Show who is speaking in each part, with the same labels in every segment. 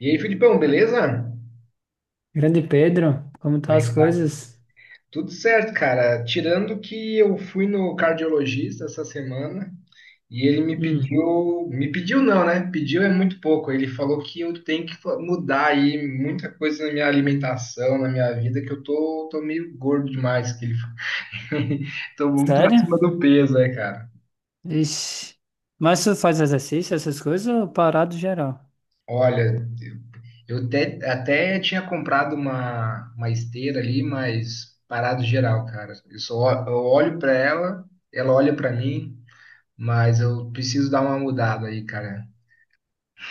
Speaker 1: E aí, Filipão, beleza?
Speaker 2: Grande Pedro, como tá
Speaker 1: Como é
Speaker 2: as
Speaker 1: que tá?
Speaker 2: coisas?
Speaker 1: Tudo certo, cara. Tirando que eu fui no cardiologista essa semana e ele
Speaker 2: Hum,
Speaker 1: me pediu não, né? Pediu é muito pouco. Ele falou que eu tenho que mudar aí muita coisa na minha alimentação, na minha vida, que eu tô meio gordo demais, que ele tô muito
Speaker 2: sério?
Speaker 1: acima do peso, né, cara?
Speaker 2: Ixi. Mas tu faz exercício, essas coisas, ou parado geral?
Speaker 1: Olha, eu até tinha comprado uma esteira ali, mas parado geral, cara. Eu só eu olho pra ela, ela olha pra mim, mas eu preciso dar uma mudada aí, cara.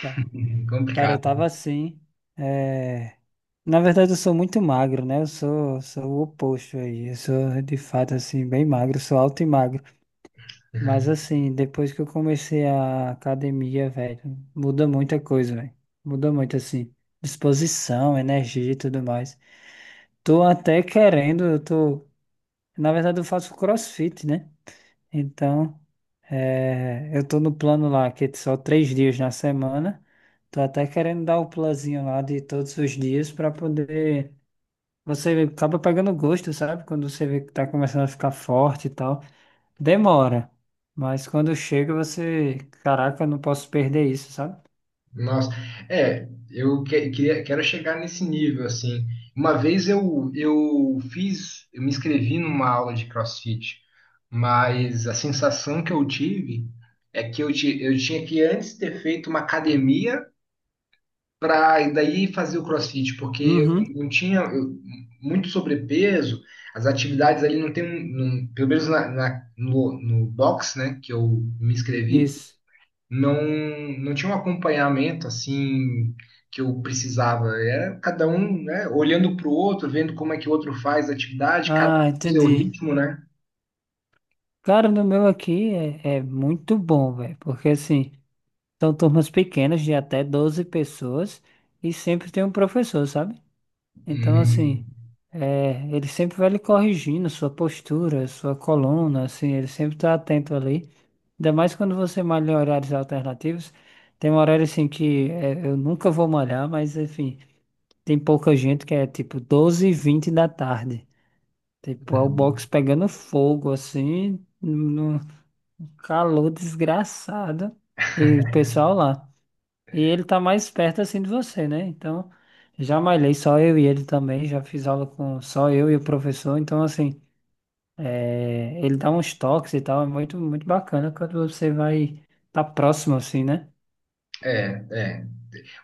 Speaker 2: Tá. Cara, eu
Speaker 1: Complicado.
Speaker 2: tava assim. é, Na verdade, eu sou muito magro, né? Eu sou o oposto aí. Eu sou, de fato, assim, bem magro. Sou alto e magro. Mas, assim, depois que eu comecei a academia, velho, muda muita coisa, velho. Muda muito, assim. Disposição, energia e tudo mais. Tô até querendo, eu tô. Na verdade, eu faço CrossFit, né? Então, eu tô no plano lá, que é só 3 dias na semana. Tô até querendo dar o plazinho lá de todos os dias para poder. Você acaba pegando gosto, sabe? Quando você vê que tá começando a ficar forte e tal. Demora. Mas quando chega, você. Caraca, eu não posso perder isso, sabe?
Speaker 1: Nossa, é, eu queria, quero chegar nesse nível, assim. Uma vez eu fiz, eu me inscrevi numa aula de CrossFit, mas a sensação que eu tive é que eu, eu tinha que antes ter feito uma academia pra, e daí fazer o CrossFit, porque
Speaker 2: Uhum,
Speaker 1: eu não tinha muito sobrepeso, as atividades ali não tem, pelo menos no box, né, que eu me inscrevi,
Speaker 2: isso.
Speaker 1: não, não tinha um acompanhamento assim que eu precisava. Era cada um, né, olhando para o outro, vendo como é que o outro faz a atividade, cada um
Speaker 2: Ah,
Speaker 1: com o seu
Speaker 2: entendi.
Speaker 1: ritmo, né?
Speaker 2: Cara, no meu aqui é muito bom, velho. Porque assim. São turmas pequenas de até 12 pessoas e sempre tem um professor, sabe? Então, assim,
Speaker 1: Hum,
Speaker 2: ele sempre vai lhe corrigindo sua postura, sua coluna, assim, ele sempre está atento ali. Ainda mais quando você malha em horários alternativos. Tem um horário, assim, que é, eu nunca vou malhar, mas, enfim, tem pouca gente que é, tipo, 12 e 20 da tarde. Tipo, é o box pegando fogo, assim, no calor desgraçado. E o pessoal lá. E ele tá mais perto assim de você, né? Então, já malhei só eu e ele também, já fiz aula com só eu e o professor, então assim, ele dá uns toques e tal, é muito, muito bacana quando você vai tá próximo assim, né?
Speaker 1: é, é.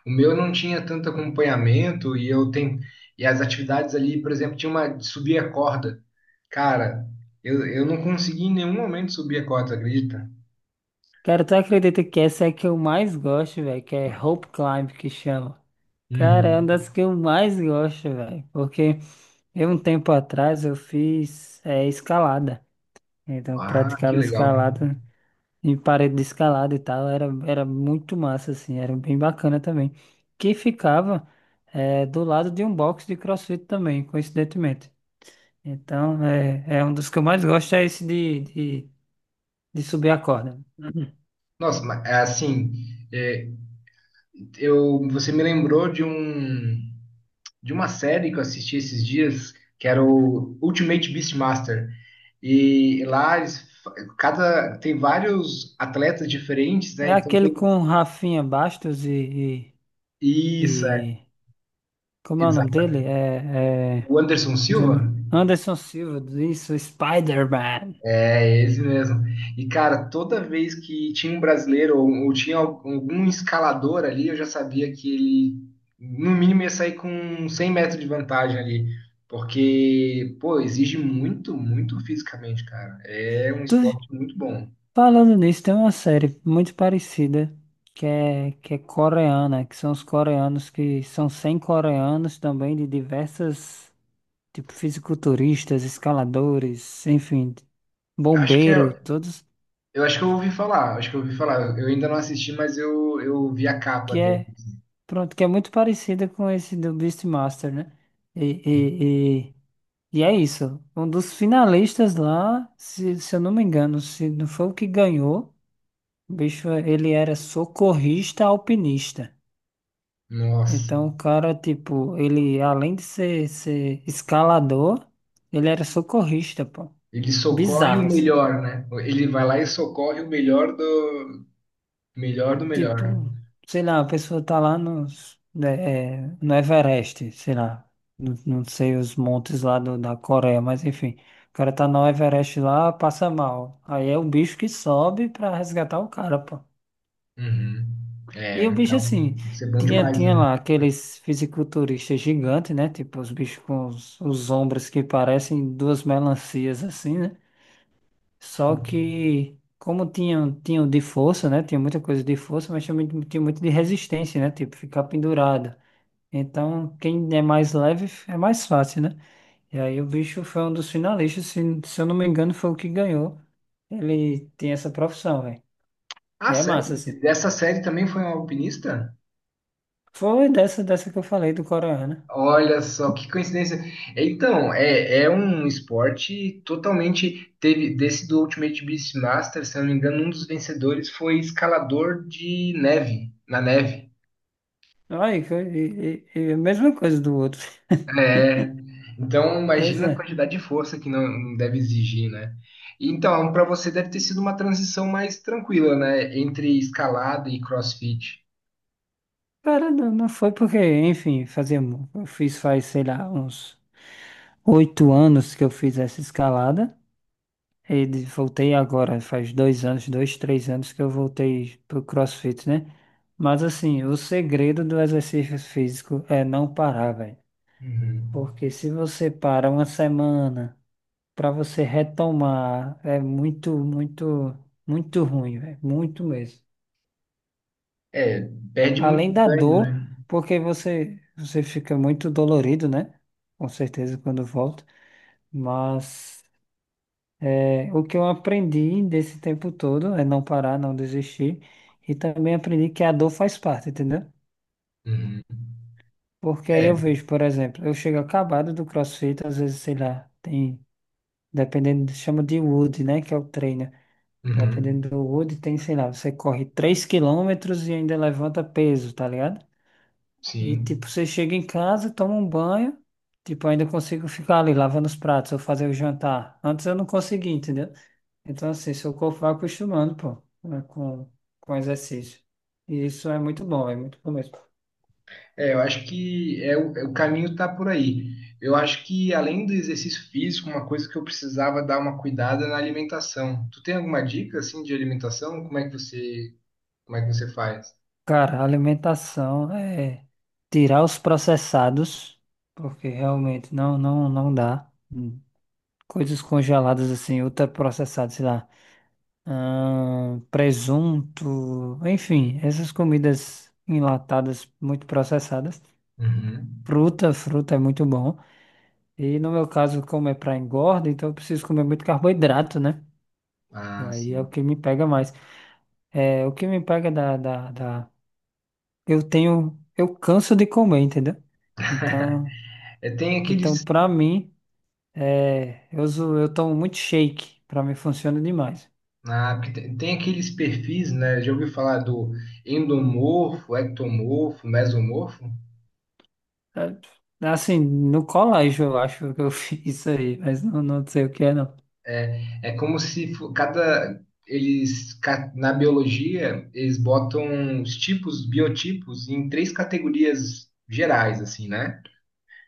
Speaker 1: O meu não tinha tanto acompanhamento e eu tenho e as atividades ali, por exemplo, tinha uma de subir a corda. Cara, eu não consegui em nenhum momento subir a corda, acredita?
Speaker 2: Cara, tu acredita que essa é a que eu mais gosto, velho, que é rope climb que chama. Cara, é uma
Speaker 1: Uhum.
Speaker 2: das que eu mais gosto, velho, porque eu um tempo atrás eu fiz escalada, então eu
Speaker 1: Ah, que
Speaker 2: praticava
Speaker 1: legal.
Speaker 2: escalada em parede de escalada e tal, era muito massa, assim, era bem bacana também. Que ficava do lado de um box de CrossFit também, coincidentemente. Então, é um dos que eu mais gosto, é esse de subir a corda. Uhum.
Speaker 1: Nossa, mas é assim, é, eu você me lembrou de um de uma série que eu assisti esses dias, que era o Ultimate Beastmaster. E lá eles, cada tem vários atletas diferentes, né?
Speaker 2: É
Speaker 1: Então
Speaker 2: aquele com Rafinha Bastos
Speaker 1: isso,
Speaker 2: e,
Speaker 1: é,
Speaker 2: e- Como é o nome
Speaker 1: exato.
Speaker 2: dele? É
Speaker 1: O Anderson Silva?
Speaker 2: Anderson Silva, isso, Spider-Man.
Speaker 1: É esse mesmo. E, cara, toda vez que tinha um brasileiro ou tinha algum escalador ali, eu já sabia que ele, no mínimo, ia sair com 100 metros de vantagem ali. Porque, pô, exige muito, muito fisicamente, cara. É um esporte muito bom.
Speaker 2: Falando nisso, tem uma série muito parecida que é coreana, que são os coreanos que são 100 coreanos também de diversas, tipo, fisiculturistas, escaladores, enfim,
Speaker 1: Acho que
Speaker 2: bombeiro,
Speaker 1: é,
Speaker 2: todos
Speaker 1: eu acho que eu ouvi falar, acho que eu ouvi falar. Eu ainda não assisti, mas eu vi a capa
Speaker 2: que
Speaker 1: dele.
Speaker 2: é, pronto, que é muito parecida com esse do Beastmaster, né? E, e, e, e é isso. Um dos finalistas lá, se eu não me engano, se não foi o que ganhou, o bicho, ele era socorrista alpinista.
Speaker 1: Nossa,
Speaker 2: Então, o cara, tipo, ele além de ser escalador, ele era socorrista, pô.
Speaker 1: ele socorre o
Speaker 2: Bizarro, assim.
Speaker 1: melhor, né? Ele vai lá e socorre o melhor do, melhor do
Speaker 2: Tipo,
Speaker 1: melhor.
Speaker 2: sei lá, a pessoa tá lá nos, né, no Everest, sei lá. Não, não sei os montes lá da Coreia, mas enfim. O cara tá no Everest lá, passa mal. Aí é o bicho que sobe pra resgatar o cara, pô.
Speaker 1: Uhum. É,
Speaker 2: E o bicho
Speaker 1: então,
Speaker 2: assim,
Speaker 1: deve ser bom
Speaker 2: tinha,
Speaker 1: demais,
Speaker 2: tinha
Speaker 1: né?
Speaker 2: lá aqueles fisiculturistas gigantes, né? Tipo, os bichos com os ombros que parecem duas melancias assim, né? Só que, como tinham de força, né? Tinha muita coisa de força, mas também tinha muito de resistência, né? Tipo, ficar pendurado. Então, quem é mais leve é mais fácil, né? E aí o bicho foi um dos finalistas, se eu não me engano, foi o que ganhou. Ele tem essa profissão, velho.
Speaker 1: Ah,
Speaker 2: E é
Speaker 1: sério?
Speaker 2: massa, assim.
Speaker 1: Dessa série também foi um alpinista?
Speaker 2: Foi dessa que eu falei do Coreano, né?
Speaker 1: Olha só, que coincidência. Então, é, é um esporte totalmente. Teve desse do Ultimate Beastmaster, se eu não me engano, um dos vencedores foi escalador de neve, na neve.
Speaker 2: Ai, e a mesma coisa do outro.
Speaker 1: É, então
Speaker 2: Pois
Speaker 1: imagina a
Speaker 2: é.
Speaker 1: quantidade de força que não, não deve exigir, né? Então, para você deve ter sido uma transição mais tranquila, né? Entre escalada e CrossFit.
Speaker 2: Cara, não, não foi porque, enfim, eu fiz faz, sei lá, uns 8 anos que eu fiz essa escalada. E voltei agora, faz 2 anos, dois, 3 anos que eu voltei pro CrossFit, né? Mas assim, o segredo do exercício físico é não parar, velho.
Speaker 1: Uhum.
Speaker 2: Porque se você para uma semana, para você retomar, é muito, muito, muito ruim, velho. Muito mesmo.
Speaker 1: É, perde muito
Speaker 2: Além da
Speaker 1: ganho,
Speaker 2: dor,
Speaker 1: né?
Speaker 2: porque você fica muito dolorido, né? Com certeza quando volta. Mas o que eu aprendi desse tempo todo é não parar, não desistir. E também aprendi que a dor faz parte, entendeu?
Speaker 1: Uhum.
Speaker 2: Porque aí
Speaker 1: É,
Speaker 2: eu vejo, por exemplo, eu chego acabado do CrossFit, às vezes, sei lá, tem, dependendo, chama de wood, né? Que é o treino. Dependendo
Speaker 1: uhum.
Speaker 2: do wood tem, sei lá, você corre 3 quilômetros e ainda levanta peso, tá ligado? E,
Speaker 1: Sim.
Speaker 2: tipo, você chega em casa, toma um banho, tipo, ainda consigo ficar ali lavando os pratos ou fazer o jantar. Antes eu não conseguia, entendeu? Então, assim, seu corpo vai acostumando, pô, né, com exercício. E isso é muito bom mesmo.
Speaker 1: É, eu acho que é, o é o caminho tá por aí. Eu acho que além do exercício físico, uma coisa que eu precisava dar uma cuidada é na alimentação. Tu tem alguma dica assim de alimentação? Como é que você faz?
Speaker 2: Cara, alimentação é tirar os processados, porque realmente não, não, não dá. Hum. Coisas congeladas, assim, ultraprocessadas, sei lá. Ah, presunto, enfim, essas comidas enlatadas muito processadas.
Speaker 1: Uhum.
Speaker 2: Fruta, fruta é muito bom. E no meu caso, como é para engorda, então eu preciso comer muito carboidrato, né? E
Speaker 1: Ah,
Speaker 2: aí é o
Speaker 1: sim.
Speaker 2: que me pega mais. É, o que me pega da. Eu canso de comer, entendeu? Então,
Speaker 1: É, tem aqueles,
Speaker 2: para mim, eu tomo muito shake, para mim funciona demais.
Speaker 1: ah, porque tem aqueles perfis, né? Já ouviu falar do endomorfo, ectomorfo, mesomorfo?
Speaker 2: É, assim, no colégio eu acho que eu fiz isso aí, mas não, não sei o que é, não.
Speaker 1: É como se cada eles na biologia eles botam os tipos, biotipos em três categorias gerais, assim, né?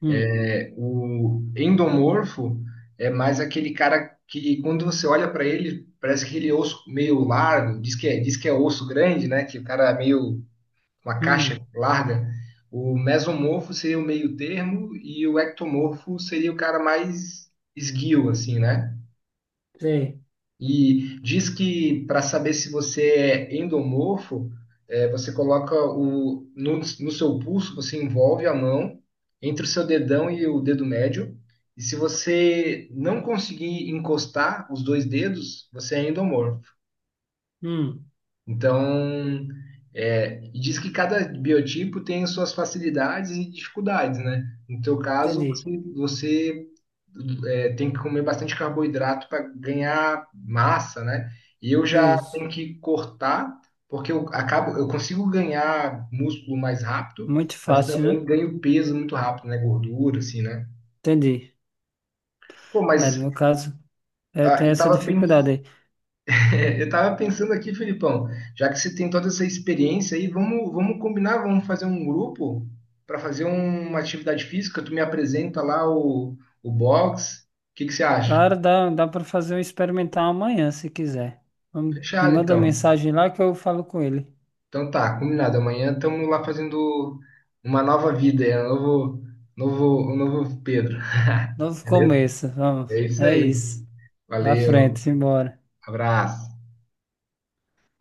Speaker 2: Hum,
Speaker 1: É, o endomorfo é mais aquele cara que quando você olha para ele, parece aquele osso meio largo, diz que é osso grande, né? Que o cara é meio uma caixa
Speaker 2: hum,
Speaker 1: larga, o mesomorfo seria o meio termo e o ectomorfo seria o cara mais esguio, assim, né?
Speaker 2: sei.
Speaker 1: E diz que para saber se você é endomorfo, é, você coloca o, no, no seu pulso, você envolve a mão entre o seu dedão e o dedo médio. E se você não conseguir encostar os dois dedos, você é endomorfo.
Speaker 2: Hum,
Speaker 1: Então, é, e diz que cada biotipo tem suas facilidades e dificuldades, né? No teu caso, você,
Speaker 2: entendi.
Speaker 1: você é, tem que comer bastante carboidrato para ganhar massa, né? E eu já
Speaker 2: Isso.
Speaker 1: tenho que cortar, porque eu acabo, eu consigo ganhar músculo mais rápido,
Speaker 2: Muito
Speaker 1: mas
Speaker 2: fácil,
Speaker 1: também
Speaker 2: né?
Speaker 1: ganho peso muito rápido, né? Gordura, assim, né?
Speaker 2: Entendi.
Speaker 1: Pô,
Speaker 2: É, no
Speaker 1: mas
Speaker 2: meu caso, eu
Speaker 1: ah,
Speaker 2: tenho
Speaker 1: eu
Speaker 2: essa
Speaker 1: estava
Speaker 2: dificuldade aí.
Speaker 1: é, eu tava pensando aqui, Felipão, já que você tem toda essa experiência aí, vamos combinar, vamos fazer um grupo para fazer uma atividade física. Tu me apresenta o box. O que que você acha?
Speaker 2: Cara, dá para fazer um experimental amanhã, se quiser. Me
Speaker 1: Fechado,
Speaker 2: manda uma
Speaker 1: então.
Speaker 2: mensagem lá que eu falo com ele.
Speaker 1: Então tá, combinado. Amanhã estamos lá fazendo uma nova vida, é um novo Pedro,
Speaker 2: Novo
Speaker 1: beleza?
Speaker 2: começo, vamos.
Speaker 1: É isso
Speaker 2: É
Speaker 1: aí.
Speaker 2: isso. Pra frente,
Speaker 1: Valeu,
Speaker 2: simbora.
Speaker 1: abraço.